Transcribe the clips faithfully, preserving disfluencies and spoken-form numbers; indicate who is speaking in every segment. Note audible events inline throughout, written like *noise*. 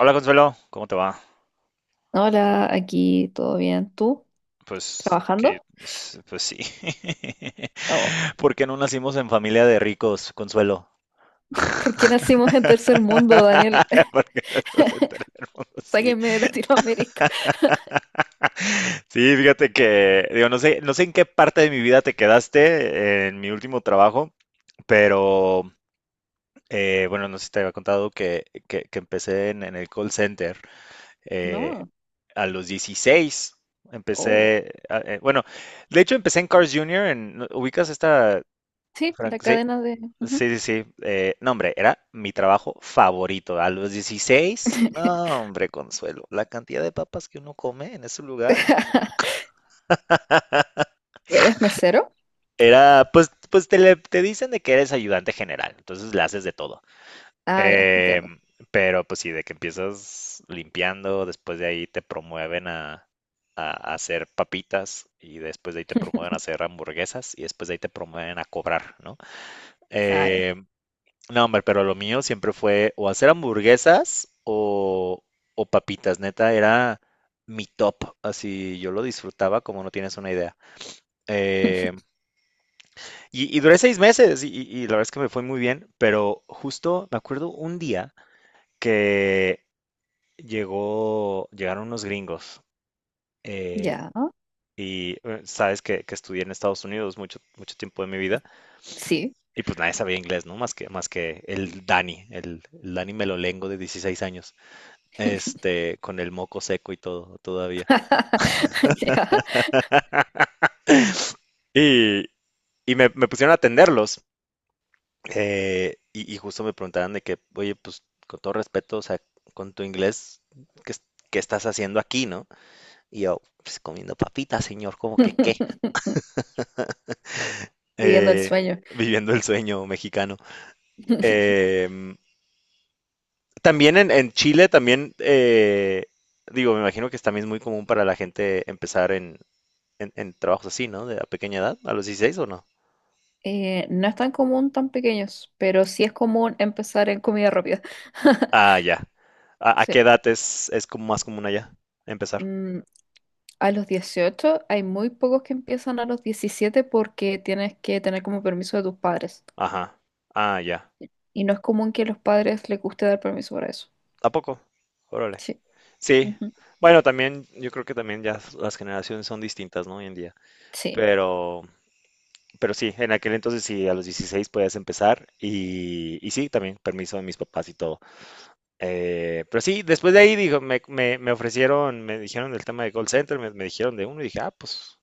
Speaker 1: Hola Consuelo, ¿cómo te va?
Speaker 2: Hola, aquí todo bien. ¿Tú?
Speaker 1: Pues, que-
Speaker 2: ¿Trabajando?
Speaker 1: s- pues sí.
Speaker 2: Oh,
Speaker 1: *laughs* ¿Por qué no nacimos en familia de ricos, Consuelo?
Speaker 2: ¿por qué nacimos en tercer mundo, Daniel?
Speaker 1: *laughs*
Speaker 2: *laughs*
Speaker 1: Porque nos mundo, sí.
Speaker 2: Sáquenme de Latinoamérica.
Speaker 1: *laughs* Sí, fíjate que, digo, no sé, no sé en qué parte de mi vida te quedaste, eh, en mi último trabajo, pero eh, bueno, no sé si te había contado que, que- que empecé en, en el call center. eh,
Speaker 2: No.
Speaker 1: a los dieciséis
Speaker 2: Oh.
Speaker 1: empecé, a- eh, bueno, de hecho empecé en Cars Junior. En, ¿no ubicas esta,
Speaker 2: Sí, la
Speaker 1: Frank? Sí,
Speaker 2: cadena de...
Speaker 1: sí,
Speaker 2: Ujú.
Speaker 1: sí, sí, eh, no hombre, era mi trabajo favorito, a los dieciséis, no hombre, Consuelo, la cantidad de papas que uno come en ese lugar,
Speaker 2: *laughs* ¿Y ¿Eres mesero?
Speaker 1: era, pues, pues te, le- te dicen de que eres ayudante general, entonces le haces de todo.
Speaker 2: Ah, ya,
Speaker 1: Eh,
Speaker 2: entiendo.
Speaker 1: pero pues sí, de que empiezas limpiando, después de ahí te promueven a, a- a hacer papitas, y después de ahí te promueven a hacer hamburguesas, y después de ahí te promueven a cobrar, ¿no?
Speaker 2: Ah, ya.
Speaker 1: Eh, no, hombre, pero lo mío siempre fue o hacer hamburguesas o, o papitas, neta, era mi top, así yo lo disfrutaba como no tienes una idea. Eh, y, y duré seis meses y, y- y la verdad es que me fue muy bien, pero justo me acuerdo un día que llegó, llegaron unos gringos. eh,
Speaker 2: Ya,
Speaker 1: y eh, sabes que, que estudié en Estados Unidos mucho, mucho tiempo de mi vida,
Speaker 2: sí.
Speaker 1: y pues nadie sabía inglés, ¿no? Más que, más que el Dani, el, el Dani Melolengo de dieciséis años, este, con el moco seco y todo todavía.
Speaker 2: *laughs* Ya.
Speaker 1: Y, y me, me pusieron a atenderlos. Eh, y, y justo me preguntaban de que, oye, pues con todo respeto, o sea, con tu inglés, ¿qué, es- qué estás haciendo aquí, no? Y yo, pues comiendo papitas, señor, como que qué.
Speaker 2: *laughs* Viviendo el
Speaker 1: eh,
Speaker 2: sueño.
Speaker 1: Viviendo el sueño mexicano.
Speaker 2: *laughs*
Speaker 1: Eh, También en, en, Chile, también, eh, digo, me imagino que es también muy común para la gente empezar en, en, en trabajos así, ¿no? De a pequeña edad, a los dieciséis o no.
Speaker 2: Eh, no es tan común tan pequeños, pero sí es común empezar en comida rápida. *laughs*
Speaker 1: Ah, ya. ¿A, a qué
Speaker 2: Sí.
Speaker 1: edad es, es como más común allá empezar?
Speaker 2: Mm, A los dieciocho hay muy pocos que empiezan a los diecisiete porque tienes que tener como permiso de tus padres.
Speaker 1: Ajá. Ah, ya.
Speaker 2: Y no es común que a los padres les guste dar permiso para eso.
Speaker 1: ¿A poco? Órale.
Speaker 2: Sí.
Speaker 1: Sí.
Speaker 2: Ujú.
Speaker 1: Bueno, también yo creo que también ya las generaciones son distintas, ¿no? Hoy en día.
Speaker 2: Sí.
Speaker 1: Pero, Pero sí, en aquel entonces sí, a los dieciséis podías empezar y, y sí, también permiso de mis papás y todo. Eh, pero sí, después de ahí dijo, me, me- me ofrecieron, me dijeron del tema de call center, me, me dijeron de uno y dije, ah, pues,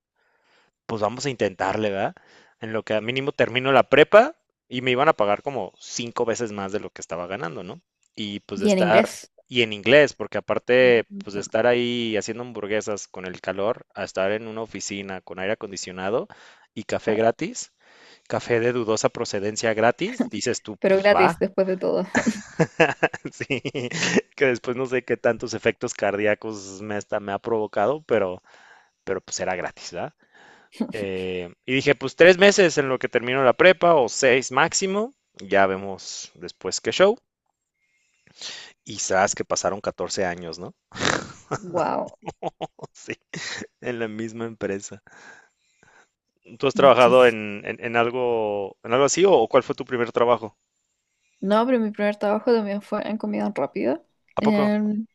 Speaker 1: pues vamos a intentarle, ¿verdad? En lo que a mínimo termino la prepa, y me iban a pagar como cinco veces más de lo que estaba ganando, ¿no? Y pues de
Speaker 2: Y en
Speaker 1: estar,
Speaker 2: inglés.
Speaker 1: y en inglés, porque
Speaker 2: Mm,
Speaker 1: aparte, pues de
Speaker 2: entiendo.
Speaker 1: estar ahí haciendo hamburguesas con el calor, a estar en una oficina con aire acondicionado y café
Speaker 2: Claro.
Speaker 1: gratis, café de dudosa procedencia gratis, dices tú,
Speaker 2: Pero
Speaker 1: pues
Speaker 2: gratis
Speaker 1: va.
Speaker 2: después de todo. *laughs*
Speaker 1: *laughs* Sí, que después no sé qué tantos efectos cardíacos me, hasta me ha provocado, pero, pero pues era gratis, ¿verdad? Eh, y dije, pues tres meses en lo que termino la prepa o seis máximo, ya vemos después qué show. Y sabes que pasaron catorce años, ¿no?
Speaker 2: Wow.
Speaker 1: *laughs* Sí, en la misma empresa. ¿Tú has trabajado
Speaker 2: Muchísimo.
Speaker 1: en, en, en algo, en algo así, o cuál fue tu primer trabajo?
Speaker 2: No, pero mi primer trabajo también fue en comida rápida.
Speaker 1: ¿A poco?
Speaker 2: En-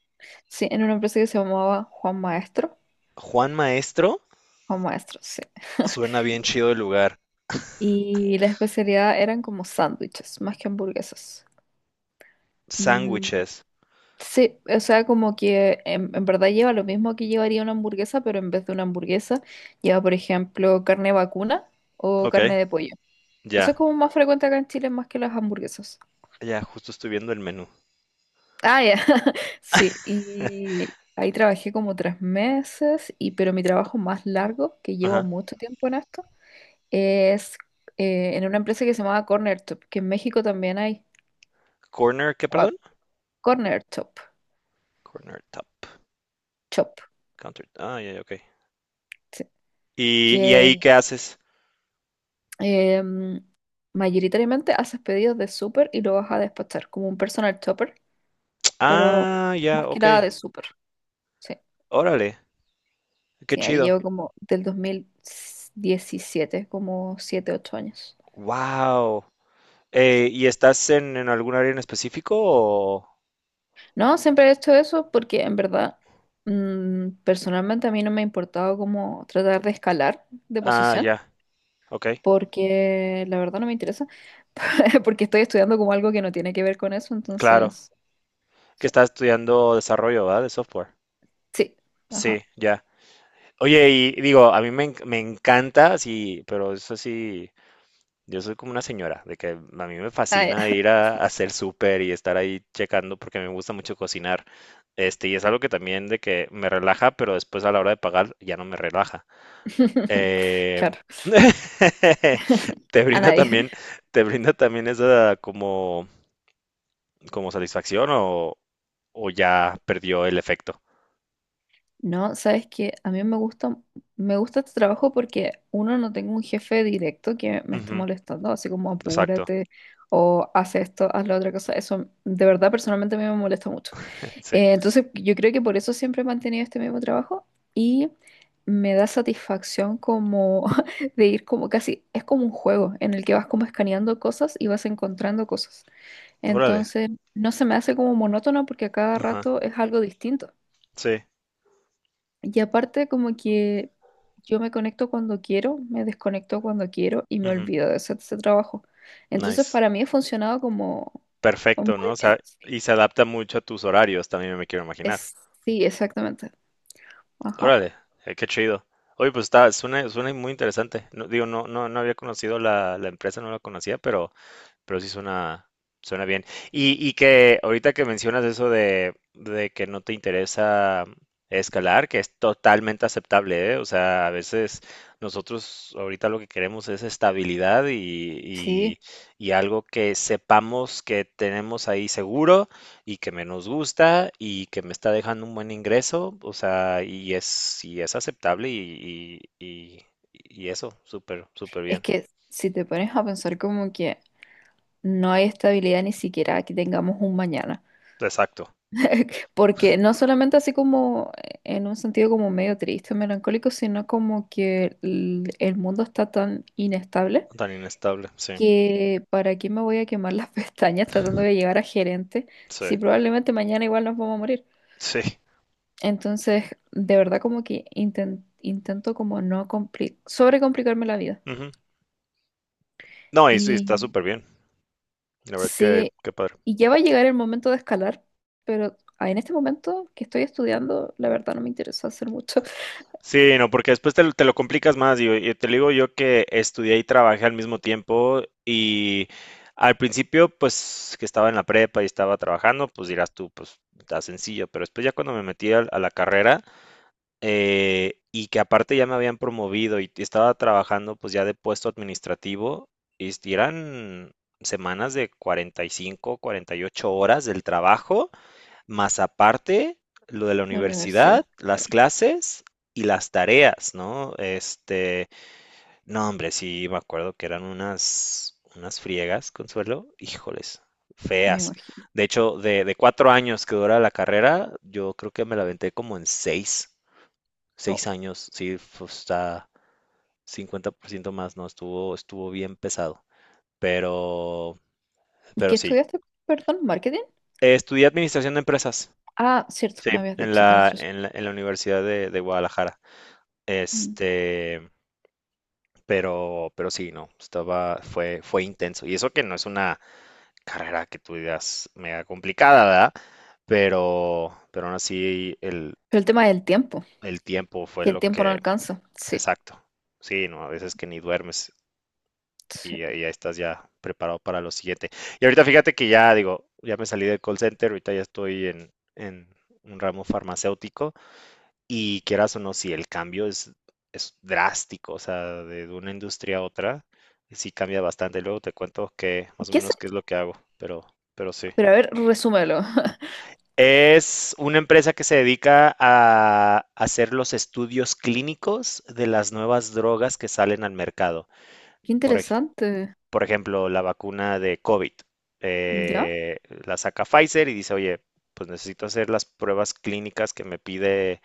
Speaker 2: sí, en una empresa que se llamaba Juan Maestro.
Speaker 1: Juan Maestro,
Speaker 2: Juan Maestro, sí. *laughs*
Speaker 1: suena bien chido el lugar.
Speaker 2: Y la especialidad eran como sándwiches, más que hamburguesas. Mm,
Speaker 1: Sándwiches.
Speaker 2: sí, o sea, como que en, en verdad lleva lo mismo que llevaría una hamburguesa, pero en vez de una hamburguesa lleva, por ejemplo, carne vacuna o
Speaker 1: Ok,
Speaker 2: carne de pollo. Eso es
Speaker 1: ya.
Speaker 2: como más frecuente acá en Chile más que las hamburguesas.
Speaker 1: Ya, justo estoy viendo el menú.
Speaker 2: Ah, ya. *laughs* Sí, y ahí trabajé como tres meses, y, pero mi trabajo más largo, que llevo
Speaker 1: Ajá.
Speaker 2: mucho tiempo en esto, es eh, en una empresa que se llamaba Corner Top, que en México también hay.
Speaker 1: Corner, ¿qué,
Speaker 2: Wow.
Speaker 1: perdón?
Speaker 2: Corner Top,
Speaker 1: Corner top.
Speaker 2: Chop.
Speaker 1: Counter. Ah, ya, ya, ok. ¿Y, y ahí
Speaker 2: Sí,
Speaker 1: qué haces?
Speaker 2: eh, mayoritariamente haces pedidos de súper y lo vas a despachar como un personal shopper, pero
Speaker 1: Ah, ya,
Speaker 2: más que
Speaker 1: ok.
Speaker 2: nada de súper. Sí,
Speaker 1: Órale, qué
Speaker 2: sí, ahí
Speaker 1: chido.
Speaker 2: llevo como del dos mil diecisiete como siete ocho años.
Speaker 1: Wow.
Speaker 2: Sí.
Speaker 1: Eh, ¿y estás en, en algún área en específico o...?
Speaker 2: No, siempre he hecho eso porque en verdad, mm, personalmente a mí no me ha importado como tratar de escalar de
Speaker 1: Ah,
Speaker 2: posición.
Speaker 1: ya, ok.
Speaker 2: Porque la verdad no me interesa, *laughs* porque estoy estudiando como algo que no tiene que ver con eso,
Speaker 1: Claro.
Speaker 2: entonces,
Speaker 1: Que
Speaker 2: sí,
Speaker 1: estás estudiando desarrollo, ¿verdad? De software.
Speaker 2: sí,
Speaker 1: Sí,
Speaker 2: ajá.
Speaker 1: ya. Oye, y digo, a mí me, en- me encanta, sí, pero eso sí, yo soy como una señora, de que a mí me fascina
Speaker 2: Ah,
Speaker 1: ir a, a hacer súper y estar ahí checando porque me gusta mucho cocinar. Este, y es algo que también de que me relaja, pero después a la hora de pagar ya no me relaja.
Speaker 2: *laughs*
Speaker 1: Eh,
Speaker 2: claro, *laughs*
Speaker 1: *laughs* te
Speaker 2: a
Speaker 1: brinda
Speaker 2: nadie.
Speaker 1: también, te brinda también esa, como, como satisfacción, o, o ya perdió el efecto.
Speaker 2: No, sabes que a mí me gusta, me gusta este trabajo porque uno no tengo un jefe directo que me esté
Speaker 1: Ujú,
Speaker 2: molestando, así como
Speaker 1: exacto,
Speaker 2: apúrate o haz esto, haz la otra cosa. Eso de verdad personalmente a mí me molesta mucho.
Speaker 1: sí.
Speaker 2: Eh, entonces yo creo que por eso siempre he mantenido este mismo trabajo y me da satisfacción como *laughs* de ir como casi, es como un juego en el que vas como escaneando cosas y vas encontrando cosas.
Speaker 1: Órale.
Speaker 2: Entonces, no se me hace como monótono porque a cada
Speaker 1: Ajá,
Speaker 2: rato es algo distinto.
Speaker 1: sí.
Speaker 2: Y aparte, como que yo me conecto cuando quiero, me desconecto cuando quiero y me
Speaker 1: Ujú.
Speaker 2: olvido de hacer ese trabajo. Entonces,
Speaker 1: Nice.
Speaker 2: para mí ha funcionado como
Speaker 1: Perfecto, ¿no?
Speaker 2: muy
Speaker 1: O
Speaker 2: bien.
Speaker 1: sea,
Speaker 2: Sí,
Speaker 1: y se adapta mucho a tus horarios, también me quiero imaginar.
Speaker 2: es, sí, exactamente. Ajá.
Speaker 1: Órale, eh, qué chido. Oye, pues está, suena, suena muy interesante. No, digo, no, no, no había conocido la, la empresa, no la conocía, pero pero sí suena, suena bien. Y, y que ahorita que mencionas eso de, de que no te interesa escalar, que es totalmente aceptable, ¿eh? O sea, a veces nosotros ahorita lo que queremos es estabilidad, y,
Speaker 2: Sí,
Speaker 1: y- y algo que sepamos que tenemos ahí seguro y que me nos gusta y que me está dejando un buen ingreso, o sea, y es, y es aceptable, y, y- y- y eso, súper, súper
Speaker 2: es
Speaker 1: bien.
Speaker 2: que si te pones a pensar como que no hay estabilidad ni siquiera que tengamos un mañana.
Speaker 1: Exacto,
Speaker 2: Porque no solamente así como eh, en un sentido como medio triste, melancólico, sino como que el, el mundo está tan inestable
Speaker 1: tan inestable, sí.
Speaker 2: que para qué me voy a quemar las *laughs* pestañas tratando de llegar a gerente
Speaker 1: Sí,
Speaker 2: si probablemente mañana igual nos vamos a morir.
Speaker 1: sí.
Speaker 2: Entonces, de verdad como que inten- intento como no compli- sobrecomplicarme la vida.
Speaker 1: Ujú. No, y sí,
Speaker 2: Y
Speaker 1: está súper bien. La verdad es que,
Speaker 2: sí,
Speaker 1: qué padre.
Speaker 2: y ya va a llegar el momento de escalar, pero ah, en este momento que estoy estudiando, la verdad no me interesa hacer mucho
Speaker 1: Sí, no, porque después te, lo te lo complicas más, digo, Y, te lo digo yo, que estudié y trabajé al mismo tiempo, y al principio, pues, que estaba en la prepa y estaba trabajando, pues dirás tú, pues, está sencillo. Pero después ya, cuando me metí al- a, la carrera, eh, y que aparte ya me habían promovido y estaba trabajando, pues, ya de puesto administrativo, y eran semanas de cuarenta, cuarenta y cinco, cuarenta y ocho horas del trabajo. Más aparte, lo de la
Speaker 2: *laughs* la
Speaker 1: universidad,
Speaker 2: universidad.
Speaker 1: las clases y las tareas, ¿no? Este, no, hombre, sí, me acuerdo que eran unas, unas friegas, Consuelo, híjoles,
Speaker 2: Me
Speaker 1: feas.
Speaker 2: imagino.
Speaker 1: De hecho, de, de cuatro años que dura la carrera, yo creo que me la aventé como en seis,
Speaker 2: Oh,
Speaker 1: seis años, sí, fue- hasta cincuenta por ciento más, ¿no? Estuvo, estuvo bien pesado, pero,
Speaker 2: ¿y
Speaker 1: pero
Speaker 2: ¿Qué
Speaker 1: sí.
Speaker 2: estudiaste? Perdón, marketing.
Speaker 1: Eh, Estudié administración de empresas,
Speaker 2: Ah, cierto,
Speaker 1: sí,
Speaker 2: me habías
Speaker 1: en
Speaker 2: dicho
Speaker 1: la,
Speaker 2: administración.
Speaker 1: en la, en la Universidad de de Guadalajara.
Speaker 2: Mm.
Speaker 1: Este, pero, pero sí, no, estaba, fue, fue intenso. Y eso que no es una carrera que tú digas mega complicada, ¿verdad? Pero, pero aún así el,
Speaker 2: Pero el tema del tiempo,
Speaker 1: el tiempo fue
Speaker 2: que el
Speaker 1: lo
Speaker 2: tiempo no
Speaker 1: que,
Speaker 2: alcanza. Sí,
Speaker 1: exacto. Sí, no, a veces que ni duermes,
Speaker 2: sí.
Speaker 1: y ahí ya estás ya preparado para lo siguiente. Y ahorita fíjate que, ya digo, ya me salí del call center, ahorita ya estoy en, en un ramo farmacéutico. Y quieras o no, si el cambio es, es drástico, o sea, de una industria a otra, sí cambia bastante. Luego te cuento que
Speaker 2: ¿Y
Speaker 1: más o
Speaker 2: ¿Qué es?
Speaker 1: menos qué es lo que hago, pero, pero sí.
Speaker 2: Pero a ver, resúmelo. *laughs*
Speaker 1: Es una empresa que se dedica a hacer los estudios clínicos de las nuevas drogas que salen al mercado.
Speaker 2: Qué
Speaker 1: Por, ej-
Speaker 2: interesante.
Speaker 1: por ejemplo, la vacuna de COVID.
Speaker 2: ¿Ya?
Speaker 1: eh, la saca Pfizer y dice, oye, pues necesito hacer las pruebas clínicas que me pide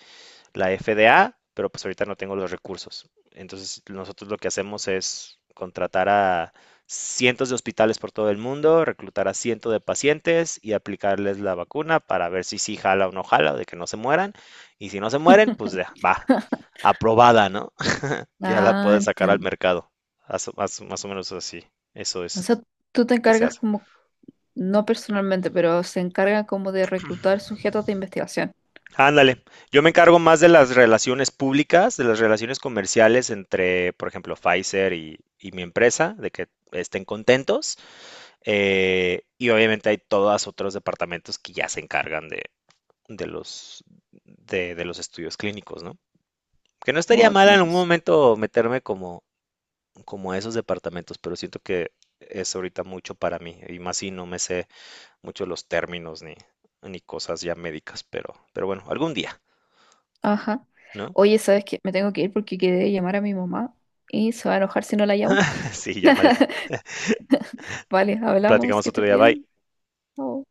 Speaker 1: la F D A, pero pues ahorita no tengo los recursos. Entonces, nosotros lo que hacemos es contratar a cientos de hospitales por todo el mundo, reclutar a cientos de pacientes y aplicarles la vacuna para ver si sí jala o no jala, de que no se mueran. Y si no se mueren, pues ya,
Speaker 2: *laughs*
Speaker 1: va, aprobada, ¿no? *laughs* Ya la
Speaker 2: Ah,
Speaker 1: puedes sacar al
Speaker 2: entiendo.
Speaker 1: mercado. Más, más, más o menos así. Eso
Speaker 2: O
Speaker 1: es
Speaker 2: sea,
Speaker 1: lo
Speaker 2: tú te
Speaker 1: que se
Speaker 2: encargas
Speaker 1: hace.
Speaker 2: como no personalmente, pero se encarga como de reclutar sujetos de investigación.
Speaker 1: Ándale, yo me encargo más de las relaciones públicas, de las relaciones comerciales entre, por ejemplo, Pfizer y, y mi empresa, de que estén contentos. Eh, y obviamente hay todos otros departamentos que ya se encargan de, de los, de, de los estudios clínicos, ¿no? Que no estaría
Speaker 2: Guau, qué
Speaker 1: mal en un
Speaker 2: interesante.
Speaker 1: momento meterme como, como a esos departamentos, pero siento que es ahorita mucho para mí, y más si no me sé mucho los términos, ni, ni cosas ya médicas, pero, pero bueno, algún día,
Speaker 2: Ajá.
Speaker 1: ¿no?
Speaker 2: Oye, ¿sabes qué? Me tengo que ir porque quedé de llamar a mi mamá y se va a enojar si no la llamo.
Speaker 1: *laughs* Sí, ya vale.
Speaker 2: Vale, hablamos,
Speaker 1: Platicamos
Speaker 2: que
Speaker 1: otro
Speaker 2: estés
Speaker 1: día. Bye.
Speaker 2: bien. Chao.